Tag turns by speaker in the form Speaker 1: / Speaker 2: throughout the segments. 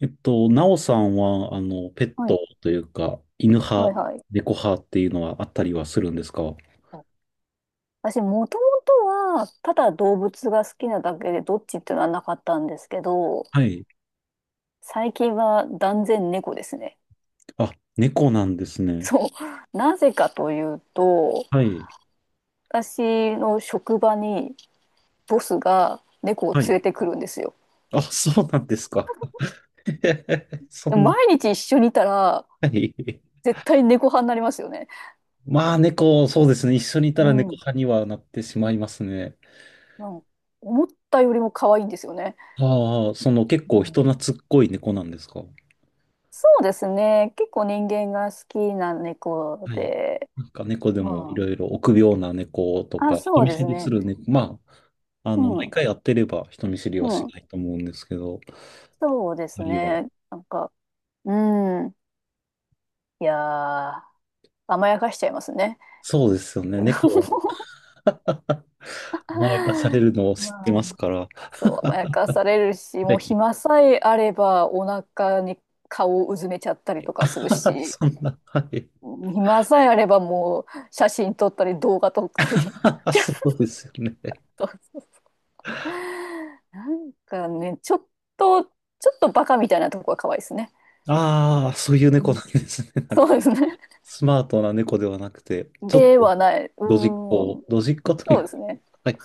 Speaker 1: なおさんは、ペッ
Speaker 2: は
Speaker 1: ト
Speaker 2: い。
Speaker 1: というか、犬
Speaker 2: はい
Speaker 1: 派、
Speaker 2: はい。
Speaker 1: 猫派っていうのはあったりはするんですか？
Speaker 2: あ私、もともとは、ただ動物が好きなだけで、どっちっていうのはなかったんですけど、
Speaker 1: はい。
Speaker 2: 最近は断然猫ですね。
Speaker 1: あ、猫なんです ね。
Speaker 2: そう。なぜかというと、
Speaker 1: はい。
Speaker 2: 私の職場にボスが猫を
Speaker 1: はい。
Speaker 2: 連れてくるんですよ。
Speaker 1: あ、そうなんですか。そ
Speaker 2: でも
Speaker 1: んな、
Speaker 2: 毎日一緒にいたら、
Speaker 1: はい。
Speaker 2: 絶対猫派になりますよね。
Speaker 1: まあ、猫、そうですね。一緒にいたら
Speaker 2: う
Speaker 1: 猫
Speaker 2: ん。
Speaker 1: 派にはなってしまいますね。
Speaker 2: なんか思ったよりも可愛いんですよね。
Speaker 1: ああ、その結構
Speaker 2: う
Speaker 1: 人
Speaker 2: ん。
Speaker 1: 懐っこい猫なんですか？
Speaker 2: そうですね。結構人間が好きな猫
Speaker 1: はい。
Speaker 2: で、
Speaker 1: なんか猫でもい
Speaker 2: ま
Speaker 1: ろ
Speaker 2: あ、
Speaker 1: いろ臆病な猫と
Speaker 2: あ、
Speaker 1: か、人
Speaker 2: そう
Speaker 1: 見
Speaker 2: で
Speaker 1: 知
Speaker 2: す
Speaker 1: りす
Speaker 2: ね。
Speaker 1: る猫、まあ、
Speaker 2: うん、
Speaker 1: 毎
Speaker 2: う
Speaker 1: 回会ってれば人見知りはし
Speaker 2: ん、
Speaker 1: ないと思うんですけど、
Speaker 2: そうで
Speaker 1: あ
Speaker 2: す
Speaker 1: るいは。
Speaker 2: ね。なんか、うん、いやー、甘やかしちゃいますね。
Speaker 1: そうですよね。猫は 甘やかされるのを
Speaker 2: ま
Speaker 1: 知ってま
Speaker 2: あ、
Speaker 1: すから。
Speaker 2: そう、甘やかされるし、
Speaker 1: は
Speaker 2: もう
Speaker 1: い。
Speaker 2: 暇さえあれば、お腹に顔をうずめちゃったりとかする し、
Speaker 1: そんな、はい。
Speaker 2: 暇さえあれば、もう写真撮ったり、動画撮ったり、ち
Speaker 1: そうですよね。
Speaker 2: ょっと、なんかね、ちょっとバカみたいなとこが可愛いですね。
Speaker 1: ああ、そういう
Speaker 2: う
Speaker 1: 猫
Speaker 2: ん。
Speaker 1: なんですね。なん
Speaker 2: そう
Speaker 1: か
Speaker 2: ですね。
Speaker 1: スマートな猫ではなくて、ちょっ
Speaker 2: で
Speaker 1: と
Speaker 2: はない。う
Speaker 1: ドジっ子、
Speaker 2: ん。
Speaker 1: ドジっ子とい
Speaker 2: そう
Speaker 1: う
Speaker 2: で
Speaker 1: か、
Speaker 2: すね。
Speaker 1: はい。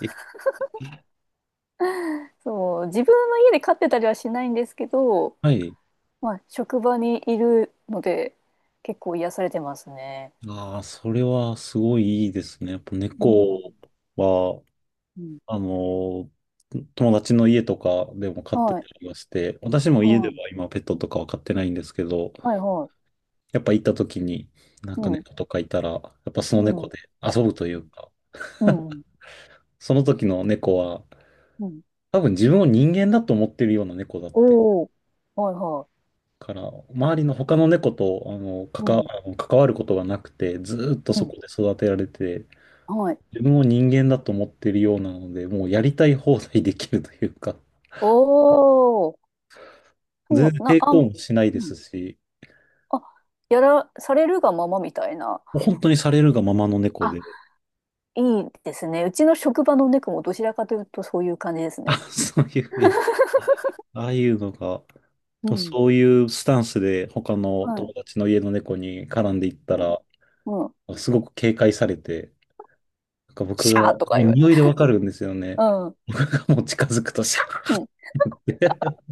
Speaker 2: そう、自分の家で飼ってたりはしないんですけど、
Speaker 1: はい。
Speaker 2: まあ、職場にいるので、結構癒されてますね。
Speaker 1: ああ、それはすごいいいですね。やっぱ
Speaker 2: うん。
Speaker 1: 猫は、
Speaker 2: うん。
Speaker 1: あの、友達の家とかでも飼って
Speaker 2: は
Speaker 1: た
Speaker 2: い。
Speaker 1: りはして、私も
Speaker 2: う、
Speaker 1: 家で
Speaker 2: は
Speaker 1: は
Speaker 2: い。ん、
Speaker 1: 今ペットとかは飼ってないんですけど、
Speaker 2: はいはい。
Speaker 1: やっぱ行った時になん
Speaker 2: う
Speaker 1: か
Speaker 2: ん
Speaker 1: 猫とかいたら、やっぱその猫で遊ぶというか、
Speaker 2: うんうん
Speaker 1: その時の猫は
Speaker 2: うん、
Speaker 1: 多分自分を人間だと思ってるような猫だって
Speaker 2: おお、はい、は
Speaker 1: から、周りの他の猫と
Speaker 2: い。うん。
Speaker 1: 関わることがなくて、ずーっと
Speaker 2: う
Speaker 1: そ
Speaker 2: ん。
Speaker 1: こで育てられて、
Speaker 2: はい。
Speaker 1: 自分を人間だと思ってるようなので、もうやりたい放題できるというか、
Speaker 2: おお。
Speaker 1: 全
Speaker 2: そう、
Speaker 1: 然抵
Speaker 2: う
Speaker 1: 抗もしないで
Speaker 2: ん。
Speaker 1: すし、
Speaker 2: あ、やらされるがままみたいな。
Speaker 1: もう本当にされるがままの猫
Speaker 2: あ、
Speaker 1: で、
Speaker 2: いいですね。うちの職場の猫もどちらかというとそういう感じです
Speaker 1: あ、
Speaker 2: ね。
Speaker 1: そういう、いやああいうのが、
Speaker 2: う
Speaker 1: でも
Speaker 2: ん。
Speaker 1: そういうスタンスで他の友
Speaker 2: は
Speaker 1: 達の家の猫に絡んでいっ
Speaker 2: い。
Speaker 1: たら、
Speaker 2: うん。
Speaker 1: すごく警戒されて、なんか僕
Speaker 2: シ
Speaker 1: が、
Speaker 2: ャー
Speaker 1: も
Speaker 2: とか
Speaker 1: う
Speaker 2: 言われ。
Speaker 1: 匂いでわかるんですよ
Speaker 2: う
Speaker 1: ね。
Speaker 2: ん。
Speaker 1: 僕がもう近づくと、シ
Speaker 2: う
Speaker 1: ャ
Speaker 2: ん。
Speaker 1: ーって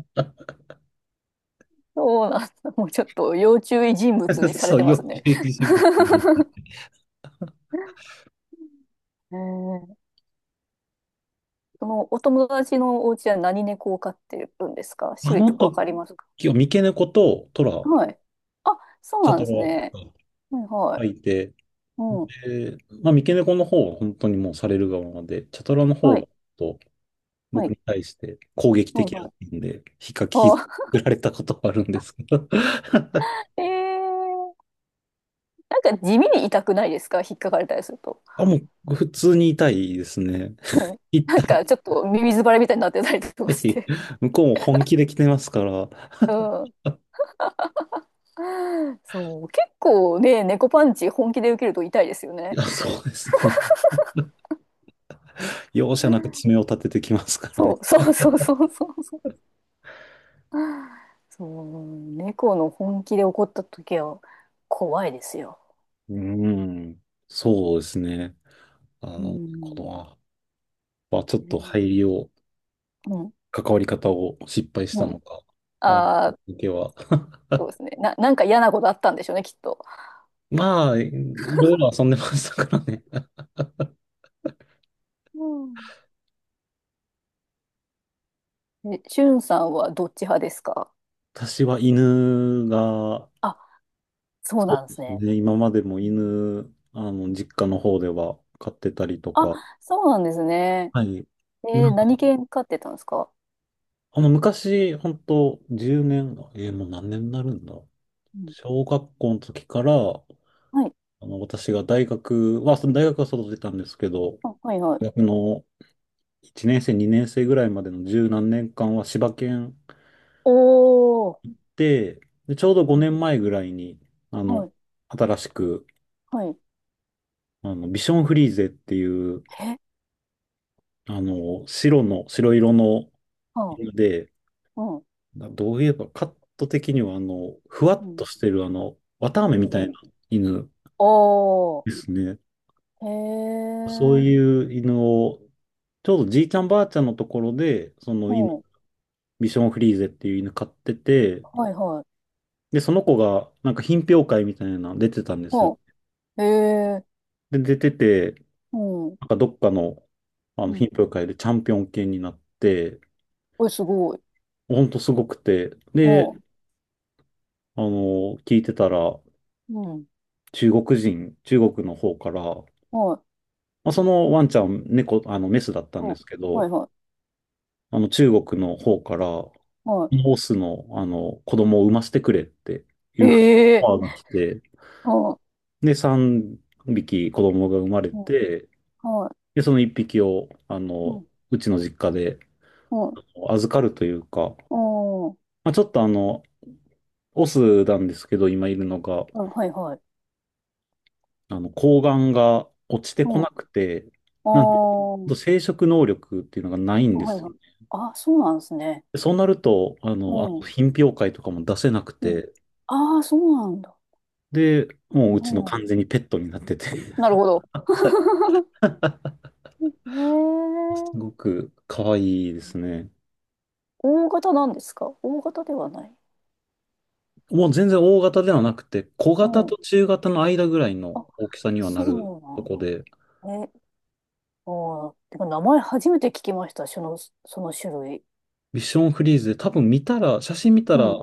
Speaker 2: そうなんだ。もうちょっと要注意人物に され
Speaker 1: そう、
Speaker 2: てま
Speaker 1: 要
Speaker 2: す
Speaker 1: 注
Speaker 2: ね。
Speaker 1: 意人物に。
Speaker 2: へえ。そのお友達のお家は何猫を飼ってるんですか？
Speaker 1: あ
Speaker 2: 種類
Speaker 1: の
Speaker 2: とかわ
Speaker 1: 時
Speaker 2: かりますか？
Speaker 1: は、三毛猫とトラ、
Speaker 2: はい。あ、そう
Speaker 1: チャ
Speaker 2: なん
Speaker 1: ト
Speaker 2: ですね。
Speaker 1: ラ
Speaker 2: はいは
Speaker 1: が
Speaker 2: い。
Speaker 1: いて、
Speaker 2: うん。
Speaker 1: でまあ、三毛猫の方は本当にもうされる側で、チャトラの方
Speaker 2: は
Speaker 1: が、
Speaker 2: い。は
Speaker 1: 僕に
Speaker 2: い。
Speaker 1: 対して攻撃
Speaker 2: はい
Speaker 1: 的だ
Speaker 2: は
Speaker 1: っ
Speaker 2: い。
Speaker 1: たんで、ひっかき
Speaker 2: あ、
Speaker 1: 傷つけられたことはあるんですけど。
Speaker 2: えー、なんか地味に痛くないですか？引っかかれたりすると。
Speaker 1: あ、もう普通に痛いですね。
Speaker 2: うん。な
Speaker 1: 痛
Speaker 2: んか
Speaker 1: い。
Speaker 2: ちょっと耳ズばれみたいになってたりと か
Speaker 1: ぜ
Speaker 2: し
Speaker 1: ひ
Speaker 2: て。
Speaker 1: 向こうも本気で来てますから。
Speaker 2: うん。そう、結構ね、猫パンチ本気で受けると痛いですよ
Speaker 1: い
Speaker 2: ね。
Speaker 1: や、そうですね。容赦なく爪を立ててきますから
Speaker 2: そ
Speaker 1: ね。
Speaker 2: う、そうそうそうそうそう。そう、猫の本気で怒った時は怖いですよ。
Speaker 1: うん。そうですね。
Speaker 2: う
Speaker 1: こ
Speaker 2: ん。
Speaker 1: のは、まあ、ちょっ
Speaker 2: う
Speaker 1: と
Speaker 2: ん。
Speaker 1: 入りを、
Speaker 2: う
Speaker 1: 関わり方を失敗し
Speaker 2: ん。
Speaker 1: たのか。あの
Speaker 2: ああ、
Speaker 1: 時は。
Speaker 2: そうですね。なんか嫌なことあったんでしょうね、きっと。
Speaker 1: まあ、いろいろ遊んでましたからね。
Speaker 2: うん。え、しゅんさんはどっち派ですか？
Speaker 1: 私は犬が
Speaker 2: あ、そう
Speaker 1: そう
Speaker 2: なんで
Speaker 1: で
Speaker 2: す
Speaker 1: す
Speaker 2: ね。
Speaker 1: ね。今までも
Speaker 2: うん。
Speaker 1: 犬、実家の方では飼ってたりと
Speaker 2: あ、
Speaker 1: か。
Speaker 2: そうなんですね。
Speaker 1: はい。
Speaker 2: え
Speaker 1: な
Speaker 2: ー、
Speaker 1: ん
Speaker 2: 何
Speaker 1: か、
Speaker 2: 犬飼ってたんですか？
Speaker 1: 昔、本当10年、もう何年になるんだ。
Speaker 2: うん、
Speaker 1: 小学校の時から、
Speaker 2: はい。
Speaker 1: 私が大学は、その大学は外てたんですけど、
Speaker 2: あ、はいはい。
Speaker 1: 大学の1年生、2年生ぐらいまでの十何年間は柴犬
Speaker 2: おー。
Speaker 1: で、で、ちょうど5年前ぐらいに、あ
Speaker 2: は
Speaker 1: の、
Speaker 2: い、
Speaker 1: 新しく、
Speaker 2: はい。
Speaker 1: ビションフリーゼっていう、
Speaker 2: え、
Speaker 1: 白の、白色の
Speaker 2: は
Speaker 1: ので、
Speaker 2: あ、うん、
Speaker 1: などういえばカット的には、ふわ
Speaker 2: う
Speaker 1: っと
Speaker 2: ん、
Speaker 1: してる、綿あめみ
Speaker 2: う
Speaker 1: たいな
Speaker 2: ん。
Speaker 1: 犬
Speaker 2: お
Speaker 1: で
Speaker 2: ー、
Speaker 1: すね。
Speaker 2: へ
Speaker 1: そう
Speaker 2: え、
Speaker 1: いう犬を、ちょうどじいちゃんばあちゃんのところで、その
Speaker 2: う
Speaker 1: 犬、
Speaker 2: ん、
Speaker 1: ビションフリーゼっていう犬飼ってて、
Speaker 2: はい、はい、
Speaker 1: で、その子が、なんか品評会みたいなの出てたんですよ。
Speaker 2: うん、へえ、
Speaker 1: で、出てて、
Speaker 2: うん、
Speaker 1: なんかどっかの、あ
Speaker 2: う
Speaker 1: の品
Speaker 2: ん。
Speaker 1: 評会でチャンピオン犬になって、
Speaker 2: おい、すごい。
Speaker 1: ほんとすごくて、
Speaker 2: う
Speaker 1: で、
Speaker 2: ん、
Speaker 1: 聞いてたら、
Speaker 2: うん、
Speaker 1: 中国人、中国の方から、
Speaker 2: はい、
Speaker 1: まあ、そのワンちゃん、猫、メスだったん
Speaker 2: う
Speaker 1: で
Speaker 2: ん、
Speaker 1: すけ
Speaker 2: はい、
Speaker 1: ど、
Speaker 2: は
Speaker 1: 中国の方から、
Speaker 2: い、は
Speaker 1: オスの、子供を産ませてくれってい
Speaker 2: い。
Speaker 1: う
Speaker 2: へえ、
Speaker 1: オファーが来て、
Speaker 2: うん、う
Speaker 1: で、3匹子供が生まれ
Speaker 2: ん、
Speaker 1: て、
Speaker 2: はい、
Speaker 1: で、その1匹を、
Speaker 2: うん、
Speaker 1: うちの実家で
Speaker 2: うん、
Speaker 1: 預かるというか、
Speaker 2: うん、
Speaker 1: まあ、ちょっとオスなんですけど、今いるのが、
Speaker 2: うん、はい、はい、
Speaker 1: 睾丸が落ちて
Speaker 2: う
Speaker 1: こ
Speaker 2: ん、
Speaker 1: な
Speaker 2: あ
Speaker 1: くて、なんで、
Speaker 2: ー、
Speaker 1: 生殖能力っていうのがないん
Speaker 2: はい、
Speaker 1: で
Speaker 2: はいはいはい、へえ、うん
Speaker 1: す
Speaker 2: うん、はい、うんうん、お、うん、はいはい、
Speaker 1: よ。
Speaker 2: うん。あ、そうなんですね。
Speaker 1: でそうなると、あ
Speaker 2: う
Speaker 1: の、あ
Speaker 2: ん、
Speaker 1: の品評会とかも出せなく
Speaker 2: うん。
Speaker 1: て、
Speaker 2: ああ、そうなんだ。
Speaker 1: で、もうう
Speaker 2: う
Speaker 1: ちの
Speaker 2: ん、
Speaker 1: 完全にペットになってて
Speaker 2: なるほど。
Speaker 1: はい。
Speaker 2: へえ。
Speaker 1: すごく可愛いですね。
Speaker 2: 大型なんですか？大型ではない。
Speaker 1: もう全然大型ではなくて、小
Speaker 2: う
Speaker 1: 型と
Speaker 2: ん。
Speaker 1: 中型の間ぐらいの
Speaker 2: あ、
Speaker 1: 大きさにはなると
Speaker 2: そ
Speaker 1: こで、
Speaker 2: うなん。え、あー、てか名前初めて聞きました。その、その種類。
Speaker 1: ビションフリーズで多分見たら、写真見た
Speaker 2: う
Speaker 1: ら、
Speaker 2: ん。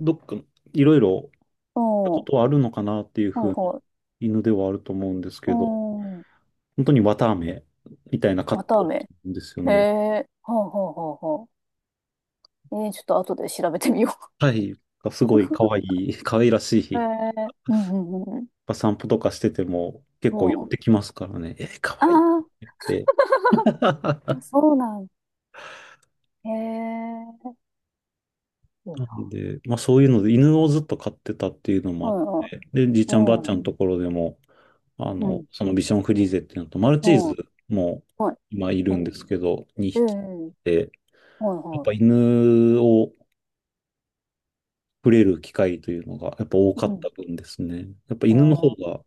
Speaker 1: どっかいろいろ
Speaker 2: うん。
Speaker 1: こ
Speaker 2: は
Speaker 1: とはあるのかなっていう
Speaker 2: い
Speaker 1: 風な
Speaker 2: はい。
Speaker 1: 犬ではあると思うんです
Speaker 2: う
Speaker 1: けど、
Speaker 2: ん。
Speaker 1: 本当に綿あめみたいなカット
Speaker 2: 綿あめ。
Speaker 1: なんですよ
Speaker 2: へ
Speaker 1: ね。
Speaker 2: え。はあはあはあはあ。えー、ちょっと後で調べてみよ
Speaker 1: はい。す
Speaker 2: う。
Speaker 1: ごい可愛 い、可愛らし
Speaker 2: へ
Speaker 1: い。
Speaker 2: え。うんうんうんう
Speaker 1: ぱ散歩とかしてても
Speaker 2: ん。
Speaker 1: 結構寄
Speaker 2: う
Speaker 1: っ
Speaker 2: ん。
Speaker 1: てきますからね。か
Speaker 2: あ
Speaker 1: わ
Speaker 2: あ、
Speaker 1: いいって言って。
Speaker 2: そうなん。へえ。いい
Speaker 1: な
Speaker 2: な。
Speaker 1: んで、まあそういうので犬をずっと飼ってたっていうのも
Speaker 2: は
Speaker 1: あっ
Speaker 2: いはい。
Speaker 1: て、で、じいちゃんばあち
Speaker 2: う
Speaker 1: ゃ
Speaker 2: ん。
Speaker 1: んのところでも、
Speaker 2: うん。
Speaker 1: そのビションフリーゼっていうのと、マル
Speaker 2: う
Speaker 1: チーズ
Speaker 2: ん。
Speaker 1: も
Speaker 2: はい。
Speaker 1: 今い
Speaker 2: う
Speaker 1: るんで
Speaker 2: ん。
Speaker 1: すけど、
Speaker 2: え
Speaker 1: 2匹
Speaker 2: え。
Speaker 1: で、
Speaker 2: はい
Speaker 1: やっ
Speaker 2: は
Speaker 1: ぱ犬を触れる機会というのがやっぱ多
Speaker 2: い。
Speaker 1: か
Speaker 2: う
Speaker 1: った
Speaker 2: ん。
Speaker 1: 分ですね。やっぱ
Speaker 2: あ
Speaker 1: 犬の方
Speaker 2: ー、
Speaker 1: が、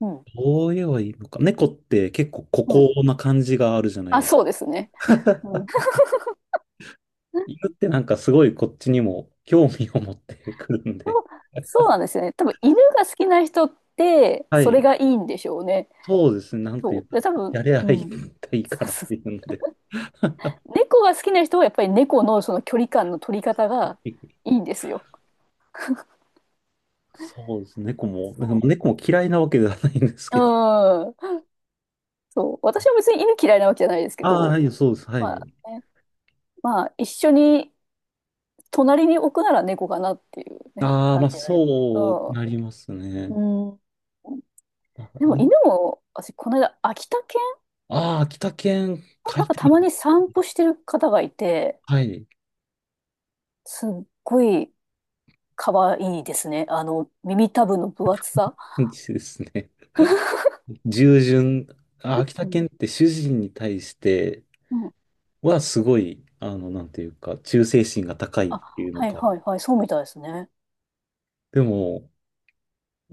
Speaker 2: うん。
Speaker 1: どう言えばいいのか。猫って結構孤
Speaker 2: うん。
Speaker 1: 高な感じがあるじゃない
Speaker 2: あ、
Speaker 1: です
Speaker 2: そうですね。
Speaker 1: か。
Speaker 2: うん。
Speaker 1: 犬ってなんかすごいこっちにも興味を持ってくるん
Speaker 2: そ
Speaker 1: で、
Speaker 2: う、そうなんですよね。多分、犬が好きな人って、
Speaker 1: は
Speaker 2: それ
Speaker 1: い、
Speaker 2: がいいんでしょうね。
Speaker 1: そうですね、なんてい
Speaker 2: そ
Speaker 1: う
Speaker 2: う。
Speaker 1: か、
Speaker 2: で、多分、
Speaker 1: やれ
Speaker 2: う
Speaker 1: ばい
Speaker 2: ん。
Speaker 1: いか
Speaker 2: そう
Speaker 1: らっ
Speaker 2: そ
Speaker 1: てい
Speaker 2: う。
Speaker 1: うので、
Speaker 2: 猫が好きな人は、やっぱり猫のその距離感の取り方がいいんですよ。
Speaker 1: そうですね、猫も、なん
Speaker 2: そ
Speaker 1: か猫も嫌いなわけではないんですけど、
Speaker 2: う。うん。そう。私は別に犬嫌いなわけじゃないですけ
Speaker 1: ああ、は
Speaker 2: ど、
Speaker 1: い、そうです、は
Speaker 2: まあ
Speaker 1: い。
Speaker 2: ね、まあ、一緒に隣に置くなら猫かなっていうね、
Speaker 1: ああ、ま
Speaker 2: 感
Speaker 1: あ、
Speaker 2: じなんですね。
Speaker 1: そうなります
Speaker 2: う
Speaker 1: ね。
Speaker 2: ん。うん。
Speaker 1: あ
Speaker 2: でも犬も、私、この間、秋田犬
Speaker 1: あー、秋田犬飼い
Speaker 2: なんか
Speaker 1: た
Speaker 2: たま
Speaker 1: い。
Speaker 2: に散歩してる方がいて、
Speaker 1: はい、
Speaker 2: すっごい可愛いですね。あの、耳たぶの分厚さ。
Speaker 1: 感じですね。従順、あ、秋田
Speaker 2: うん。
Speaker 1: 犬って主人に対して
Speaker 2: うん。
Speaker 1: はすごい、なんていうか、忠誠心が高いっ
Speaker 2: あ、
Speaker 1: ていうの
Speaker 2: はい
Speaker 1: か。
Speaker 2: はいはい、そうみたいですね。
Speaker 1: でも、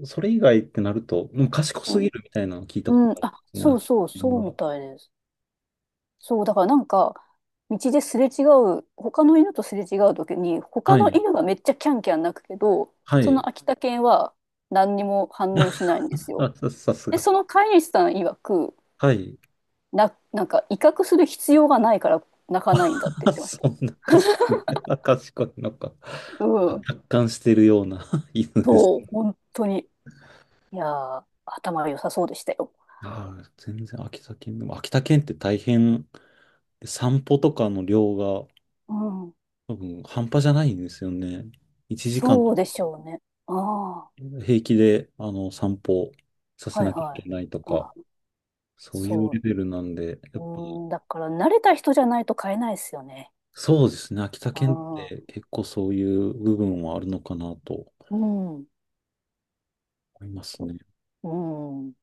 Speaker 1: それ以外ってなると、もう賢
Speaker 2: う
Speaker 1: すぎ
Speaker 2: ん。
Speaker 1: るみたいなのを聞いたこと
Speaker 2: うん。
Speaker 1: あるんで
Speaker 2: あ、
Speaker 1: すね、
Speaker 2: そ
Speaker 1: 秋
Speaker 2: うそう、
Speaker 1: 田犬
Speaker 2: そうみ
Speaker 1: が。
Speaker 2: たいです。そう、だからなんか、道ですれ違う、他の犬とすれ違う時に、他
Speaker 1: は
Speaker 2: の
Speaker 1: い。
Speaker 2: 犬がめっちゃキャンキャン鳴くけど、
Speaker 1: は
Speaker 2: そ
Speaker 1: い。
Speaker 2: の秋田犬は何にも反応しないんですよ。
Speaker 1: あ、さ、さす
Speaker 2: で、
Speaker 1: が。
Speaker 2: その飼い主さん曰く、
Speaker 1: はい。
Speaker 2: なんか威嚇する必要がないから泣かないんだって 言
Speaker 1: あ、
Speaker 2: ってまし
Speaker 1: そ
Speaker 2: た。
Speaker 1: んな賢い、あ賢いのか。
Speaker 2: うん。
Speaker 1: 達観してるような 犬です。
Speaker 2: そう、本当に。いやー、頭良さそうでしたよ。
Speaker 1: ああ、全然秋田県でも、秋田県って大変、散歩とかの量が
Speaker 2: うん。
Speaker 1: 多分半端じゃないんですよね。1時間
Speaker 2: そうでしょうね。ああ、
Speaker 1: 平気で散歩させ
Speaker 2: はい
Speaker 1: なきゃ
Speaker 2: は
Speaker 1: い
Speaker 2: い。
Speaker 1: けないとか、
Speaker 2: あ、
Speaker 1: そういうレ
Speaker 2: そ
Speaker 1: ベルなんで、
Speaker 2: う。
Speaker 1: やっぱ
Speaker 2: うん、だから慣れた人じゃないと買えないですよね。
Speaker 1: そうですね。秋田
Speaker 2: あ
Speaker 1: 県って
Speaker 2: あ、
Speaker 1: 結構そういう部分はあるのかなと
Speaker 2: うん。
Speaker 1: 思います
Speaker 2: と、
Speaker 1: ね。
Speaker 2: うん。